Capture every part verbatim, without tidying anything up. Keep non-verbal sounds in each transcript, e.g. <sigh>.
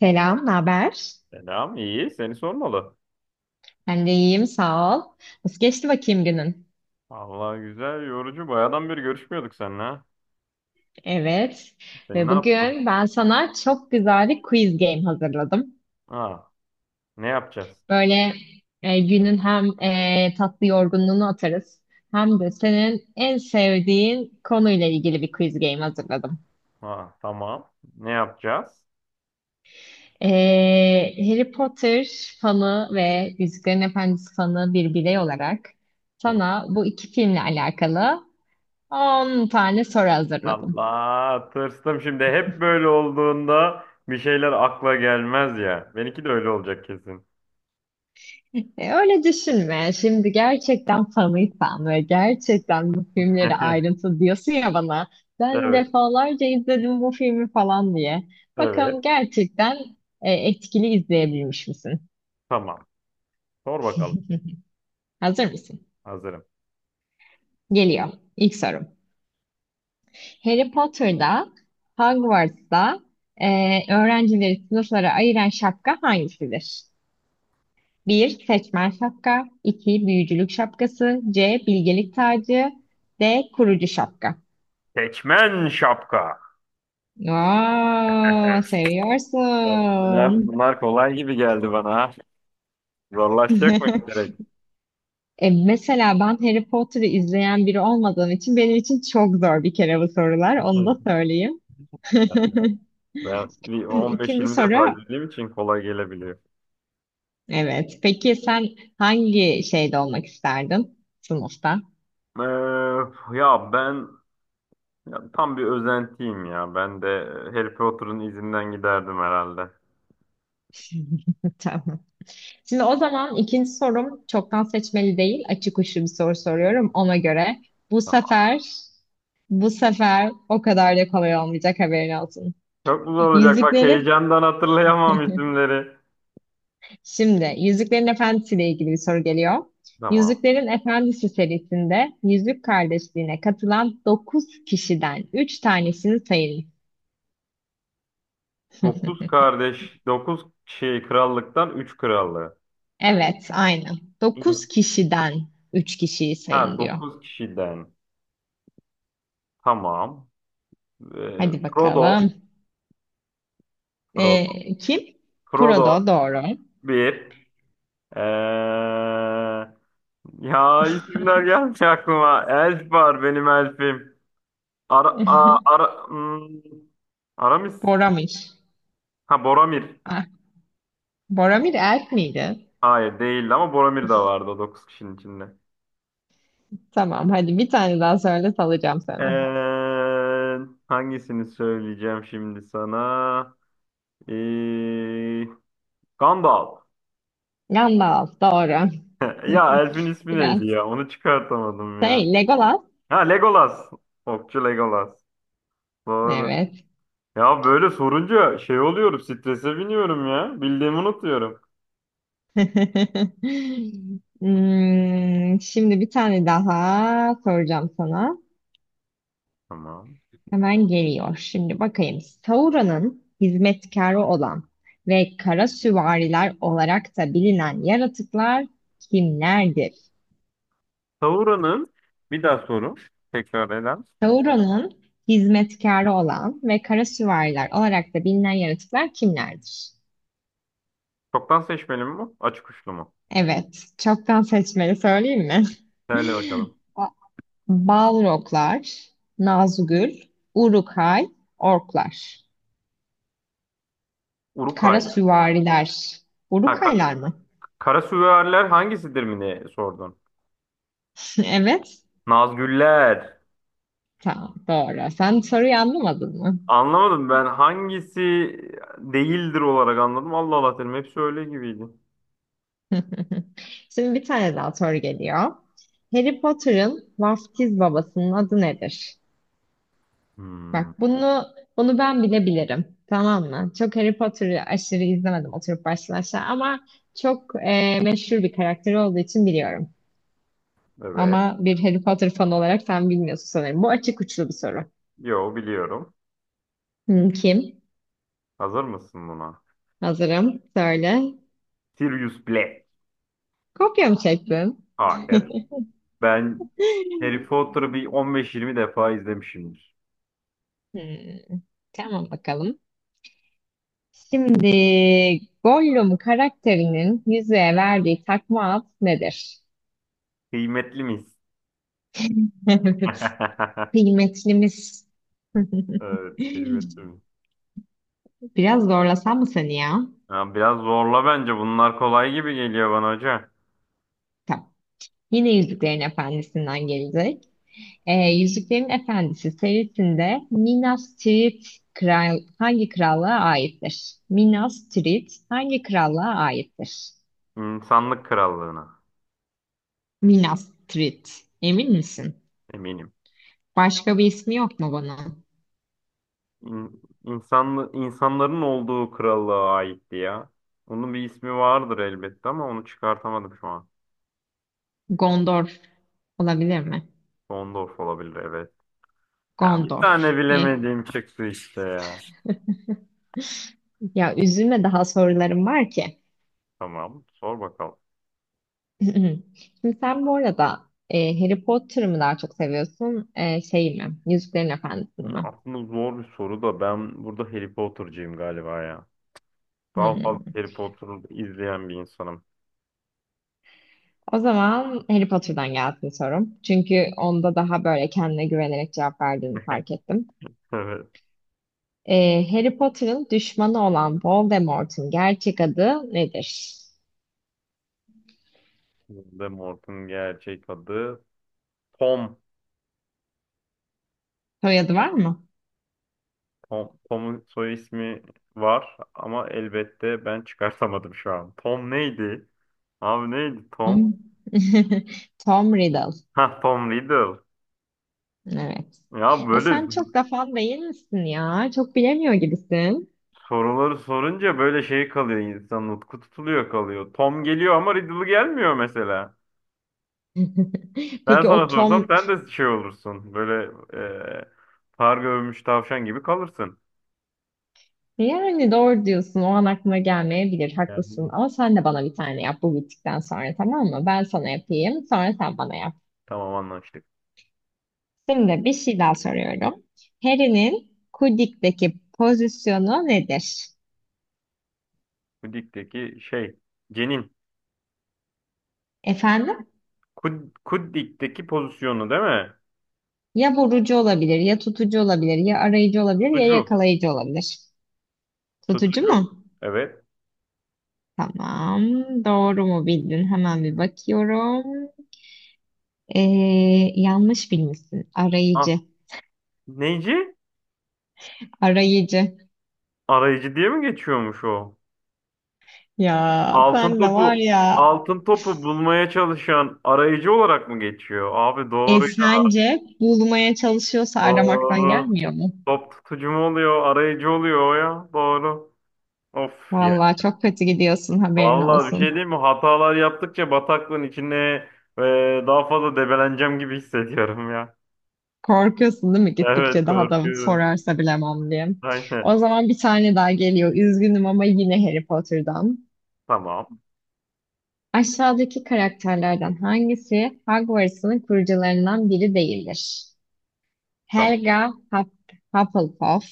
Selam, ne haber? Selam, iyi. Seni sormalı. Ben de iyiyim, sağ ol. Nasıl geçti bakayım günün? Vallahi güzel, yorucu. Bayağıdan beri görüşmüyorduk seninle. Ha. Evet. Sen ne Ve yaptın? bugün ben sana çok güzel bir quiz game hazırladım. Ha, ne yapacağız? Böyle e, günün hem e, tatlı yorgunluğunu atarız, hem de senin en sevdiğin konuyla ilgili bir quiz game hazırladım. Ha, tamam. Ne yapacağız? E, Harry Potter fanı ve Yüzüklerin Efendisi fanı bir birey olarak Hı. sana bu iki filmle alakalı on tane soru hazırladım. Allah, tırstım şimdi. Hep böyle olduğunda bir şeyler akla gelmez ya. Benimki de öyle olacak kesin. <laughs> E, Öyle düşünme. Şimdi gerçekten fanıysan ve gerçekten bu filmleri <laughs> ayrıntı diyorsun ya bana. Ben Evet, defalarca izledim bu filmi falan diye. evet. Bakalım gerçekten e, etkili izleyebilmiş misin? Tamam. Sor bakalım. <laughs> Hazır mısın? Hazırım. Geliyor. İlk sorum. Harry Potter'da, Hogwarts'ta, e, öğrencileri sınıflara ayıran şapka hangisidir? Bir Seçmen şapka, iki Büyücülük şapkası, C. Bilgelik tacı, D. Kurucu şapka. Seçmen şapka. Aa, Ben- seviyorsun. Bunlar, bunlar kolay gibi geldi bana. Ha. Zorlaşacak mı <laughs> direkt? E, mesela ben Harry Potter'ı izleyen biri olmadığım için benim için çok zor bir kere bu sorular. Onu da <laughs> söyleyeyim. <laughs> Ben bir Şimdi ikinci on beş yirmi defa soru. izlediğim için kolay gelebiliyor. Evet. Peki sen hangi şeyde olmak isterdin? Sınıfta. Ee, ya ben ya tam bir özentiyim ya. Ben de Harry Potter'ın izinden giderdim herhalde. <laughs> Tamam. Şimdi o zaman ikinci sorum çoktan seçmeli değil. Açık uçlu bir soru soruyorum ona göre. Bu Tamam. sefer bu sefer o kadar da kolay olmayacak haberin olsun. Çok güzel olacak. Bak Yüzüklerin heyecandan hatırlayamam isimleri. şimdi Yüzüklerin Efendisi ile ilgili bir soru geliyor. Tamam. Yüzüklerin Efendisi serisinde Yüzük Kardeşliği'ne katılan dokuz kişiden üç tanesini sayın. Dokuz <laughs> kardeş, dokuz şey krallıktan üç krallığı. Evet, aynen. İns- Dokuz kişiden üç kişiyi Ha, sayın diyor. dokuz kişiden. Tamam. Ee, Hadi Frodo, bakalım. Frodo, Ee, kim? Frodo Frodo doğru. bir. Ya isimler gelmiyor aklıma. Elf var benim elfim. Ara, a- ara, hmm, Aramis. <laughs> Boromir. Ha, Boromir. Ah, Boromir elf miydi? Hayır değildi ama Boromir de vardı o dokuz kişinin içinde. Tamam, hadi bir tane daha söyle, salacağım Ee, sana. hangisini söyleyeceğim şimdi sana? Ee, Gandalf. Gandalf doğru. <laughs> Ya elfin <laughs> ismi Biraz neydi ya? Onu çıkartamadım ya. şey, Legolas. Ha, Legolas. Okçu Legolas. Doğru. Evet. Ya böyle sorunca şey oluyorum, strese biniyorum ya. Bildiğimi unutuyorum. <laughs> Hmm, şimdi bir tane daha soracağım sana. Tamam. Hemen geliyor. Şimdi bakayım. Sauron'un hizmetkarı olan ve kara süvariler olarak da bilinen yaratıklar kimlerdir? Sauron'un bir daha soru. Tekrar eden. Sauron'un hizmetkarı olan ve kara süvariler olarak da bilinen yaratıklar kimlerdir? Çoktan seçmeli mi bu? Açık uçlu mu? Evet. Çoktan seçmeli söyleyeyim mi? Söyle bakalım. <laughs> O Balroglar, Nazgül, Urukay, Orklar. Kara Urukaylı. süvariler. Ha, ka Urukaylar mı? kara süvariler hangisidir mi diye sordun. <laughs> Evet. Nazgüller. Tamam, doğru. Sen soruyu anlamadın mı? Anlamadım, ben hangisi değildir olarak anladım. Allah Allah dedim. Hepsi öyle gibiydi. <laughs> Şimdi bir tane daha soru geliyor. Harry Potter'ın vaftiz babasının adı nedir? Hmm, Bak bunu bunu ben bile bilirim. Tamam mı? Çok Harry Potter'ı aşırı izlemedim oturup baştan aşağı ama çok e, meşhur bir karakteri olduğu için biliyorum. evet. Ama bir Harry Potter fanı olarak sen bilmiyorsun sanırım. Bu açık uçlu bir soru. Yo, biliyorum. Hmm, kim? Hazır mısın buna? Hazırım. Söyle. Sirius Black. Kopya mı çektin? Hayır. Ben Harry <laughs> Potter'ı bir on beş yirmi defa izlemişimdir. Hmm, tamam bakalım. Şimdi Gollum karakterinin yüzüğe verdiği takma ad nedir? Kıymetli miyiz? <laughs> Evet. <laughs> Kıymetlimiz. <laughs> Evet, keşfettim. Biraz zorlasam mı seni ya? Ya biraz zorla bence. Bunlar kolay gibi geliyor bana hoca. Tamam. Yine Yüzüklerin Efendisi'nden gelecek. E, Yüzüklerin Efendisi serisinde Minas Tirith kral, hangi krallığa aittir? Minas Tirith hangi krallığa aittir? İnsanlık krallığına. Minas Tirith. Emin misin? Eminim. Başka bir ismi yok mu bunun? İn, insanlı- insanların olduğu krallığa aitti ya. Onun bir ismi vardır elbette ama onu çıkartamadım şu an. Gondor olabilir mi? Sondorf olabilir, evet. Ya bir Gondor. tane E, bilemediğim çıktı işte ya. ya üzülme, daha sorularım var ki. Tamam, sor bakalım. <clears throat> Şimdi sen bu arada e, Harry Potter'ı mı daha çok seviyorsun? E, şey mi? Yüzüklerin Efendisi'ni Ya mi? aslında zor bir soru da ben burada Harry Potter'cıyım galiba ya. Daha fazla Hmm. Harry Potter'ı izleyen bir insanım. O zaman Harry Potter'dan gelsin sorum. Çünkü onda daha böyle kendine güvenerek cevap verdiğini fark ettim. <laughs> Evet. Ee, Harry Potter'ın düşmanı olan Voldemort'un gerçek adı nedir? Voldemort'un gerçek adı Tom. Soyadı var mı? Tom, Tom'un soy ismi var ama elbette ben çıkartamadım şu an. Tom neydi? Abi neydi Tom? Tom, <laughs> Tom Riddle. Ha, Tom Riddle. Evet. Ya E böyle sen çok da fan değil misin ya? Çok bilemiyor gibisin. soruları sorunca böyle şey kalıyor, insan nutku tutuluyor kalıyor. Tom geliyor ama Riddle gelmiyor mesela. <laughs> Ben Peki o sana sorsam Tom, sen de şey olursun. Böyle e, far görmüş tavşan gibi kalırsın. yani doğru diyorsun. O an aklıma gelmeyebilir. Yani Haklısın. Ama sen de bana bir tane yap bu bittikten sonra, tamam mı? Ben sana yapayım. Sonra sen bana yap. tamam, anlaştık. Şimdi bir şey daha soruyorum. Harry'nin Quidditch'teki pozisyonu nedir? Bu dikteki şey cenin. Efendim? Kud, Kuddik'teki pozisyonu değil mi? Ya vurucu olabilir, ya tutucu olabilir, ya arayıcı olabilir, ya Tutucu. yakalayıcı olabilir. Tutucu Tutucu. mu? Evet. Tamam. Doğru mu bildin? Hemen bir bakıyorum. Ee, yanlış bilmişsin. Ah, Arayıcı. neyci? Arayıcı. Arayıcı diye mi geçiyormuş o? Ya Altın sen de var topu ya. altın topu bulmaya çalışan arayıcı olarak mı geçiyor? Abi, E doğru. sence bulmaya çalışıyorsa aramaktan Doğru. gelmiyor mu? Top tutucu mu oluyor? Arayıcı oluyor o ya. Doğru. Of ya. Vallahi çok kötü gidiyorsun, haberin Vallahi bir şey olsun. diyeyim mi? Hatalar yaptıkça bataklığın içine e, daha fazla debeleneceğim gibi hissediyorum ya. Korkuyorsun değil mi, Evet, gittikçe daha da korkuyorum. sorarsa bilemem diye. Aynen. O zaman bir tane daha geliyor. Üzgünüm ama yine Harry Potter'dan. Tamam. Aşağıdaki karakterlerden hangisi Hogwarts'ın kurucularından biri değildir? Tamam. Helga Hup- Hufflepuff,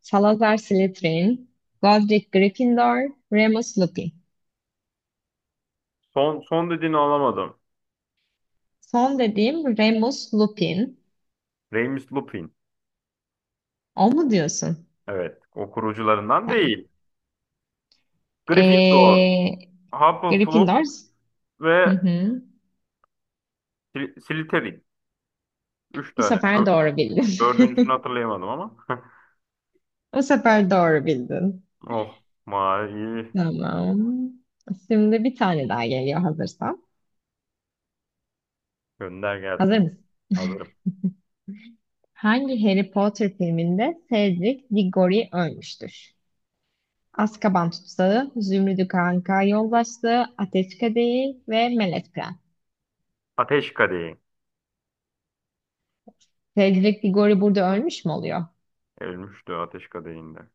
Salazar Slytherin, Godric Gryffindor, Remus Lupin. Son son dediğini alamadım. Son dediğim Remus Lupin. Remus Lupin. O mu diyorsun? Evet. O kurucularından Tamam. değil. Gryffindor, Ee, Hufflepuff Gryffindor. Hı ve hı. Sly- Slytherin. Üç Bu tane. sefer Dör- doğru bildim. Dördüncüsünü <laughs> hatırlayamadım ama. <laughs> Bu sefer doğru bildin. Oh. Mavi. Tamam. Şimdi bir tane daha geliyor hazırsan. Gönder Hazır gelsin. mısın? Hazırım. Hangi Harry Potter filminde Cedric Diggory ölmüştür? Azkaban Tutsağı, Zümrüdü Kanka Yoldaşlığı, Ateş Kadehi ve Melek Prens. Ateş Kadehi. Cedric Diggory burada ölmüş mü oluyor? Ölmüştü Ateş Kadehi'nde.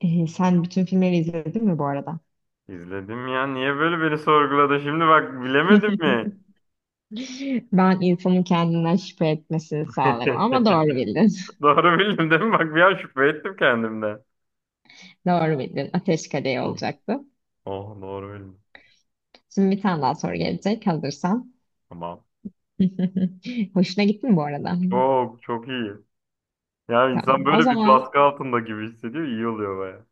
Ee, sen bütün filmleri izledin mi bu arada? İzledim ya. Niye böyle beni sorguladı? Şimdi bak, bilemedim mi? <laughs> Ben insanın kendinden şüphe etmesini sağlarım ama doğru bildin. <laughs> Doğru bildim değil mi? Bak, bir an şüphe ettim kendimden. <laughs> Doğru bildin. Ateş Kadehi Oh, olacaktı. oh, doğru bildim. Şimdi bir tane daha soru gelecek hazırsan. Tamam. <laughs> Hoşuna gitti mi bu arada? Çok çok iyi. Ya Tamam. insan O böyle bir zaman baskı altında gibi hissediyor, iyi oluyor baya.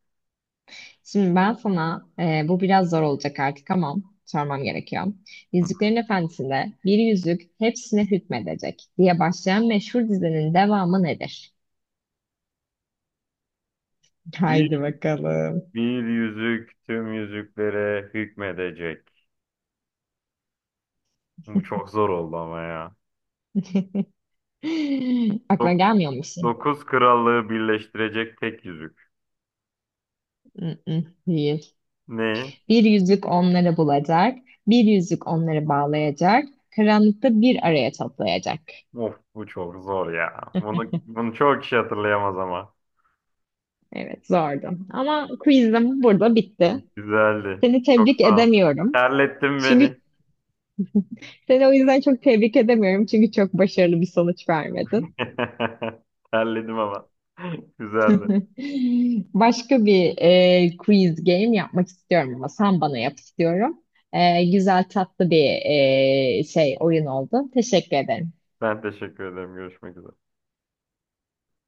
şimdi ben sana, e, bu biraz zor olacak artık ama sormam gerekiyor. Hı. Yüzüklerin Efendisi'nde bir yüzük hepsine hükmedecek diye başlayan meşhur dizinin devamı nedir? Haydi Bir, bakalım. bir yüzük tüm yüzüklere hükmedecek. Bu çok zor oldu ama ya. <laughs> Aklına Dok- gelmiyor mu bir şey? Dokuz krallığı birleştirecek tek yüzük. Mm-mm, değil. Ne? Bir yüzük onları bulacak, bir yüzük onları bağlayacak, karanlıkta bir araya toplayacak. Of, bu çok zor ya. Bunu, bunu çok kişi hatırlayamaz ama. Evet, zordu. Ama quizim burada bitti. Güzeldi. Seni Çok tebrik sağ ol. edemiyorum. Terlettin Çünkü beni. seni o yüzden çok tebrik edemiyorum. Çünkü çok başarılı bir sonuç vermedin. <laughs> Terledim ama. <laughs> Güzeldi. <laughs> Başka bir e, quiz game yapmak istiyorum ama sen bana yap istiyorum. E, güzel tatlı bir e, şey oyun oldu. Teşekkür ederim. Ben teşekkür ederim. Görüşmek üzere.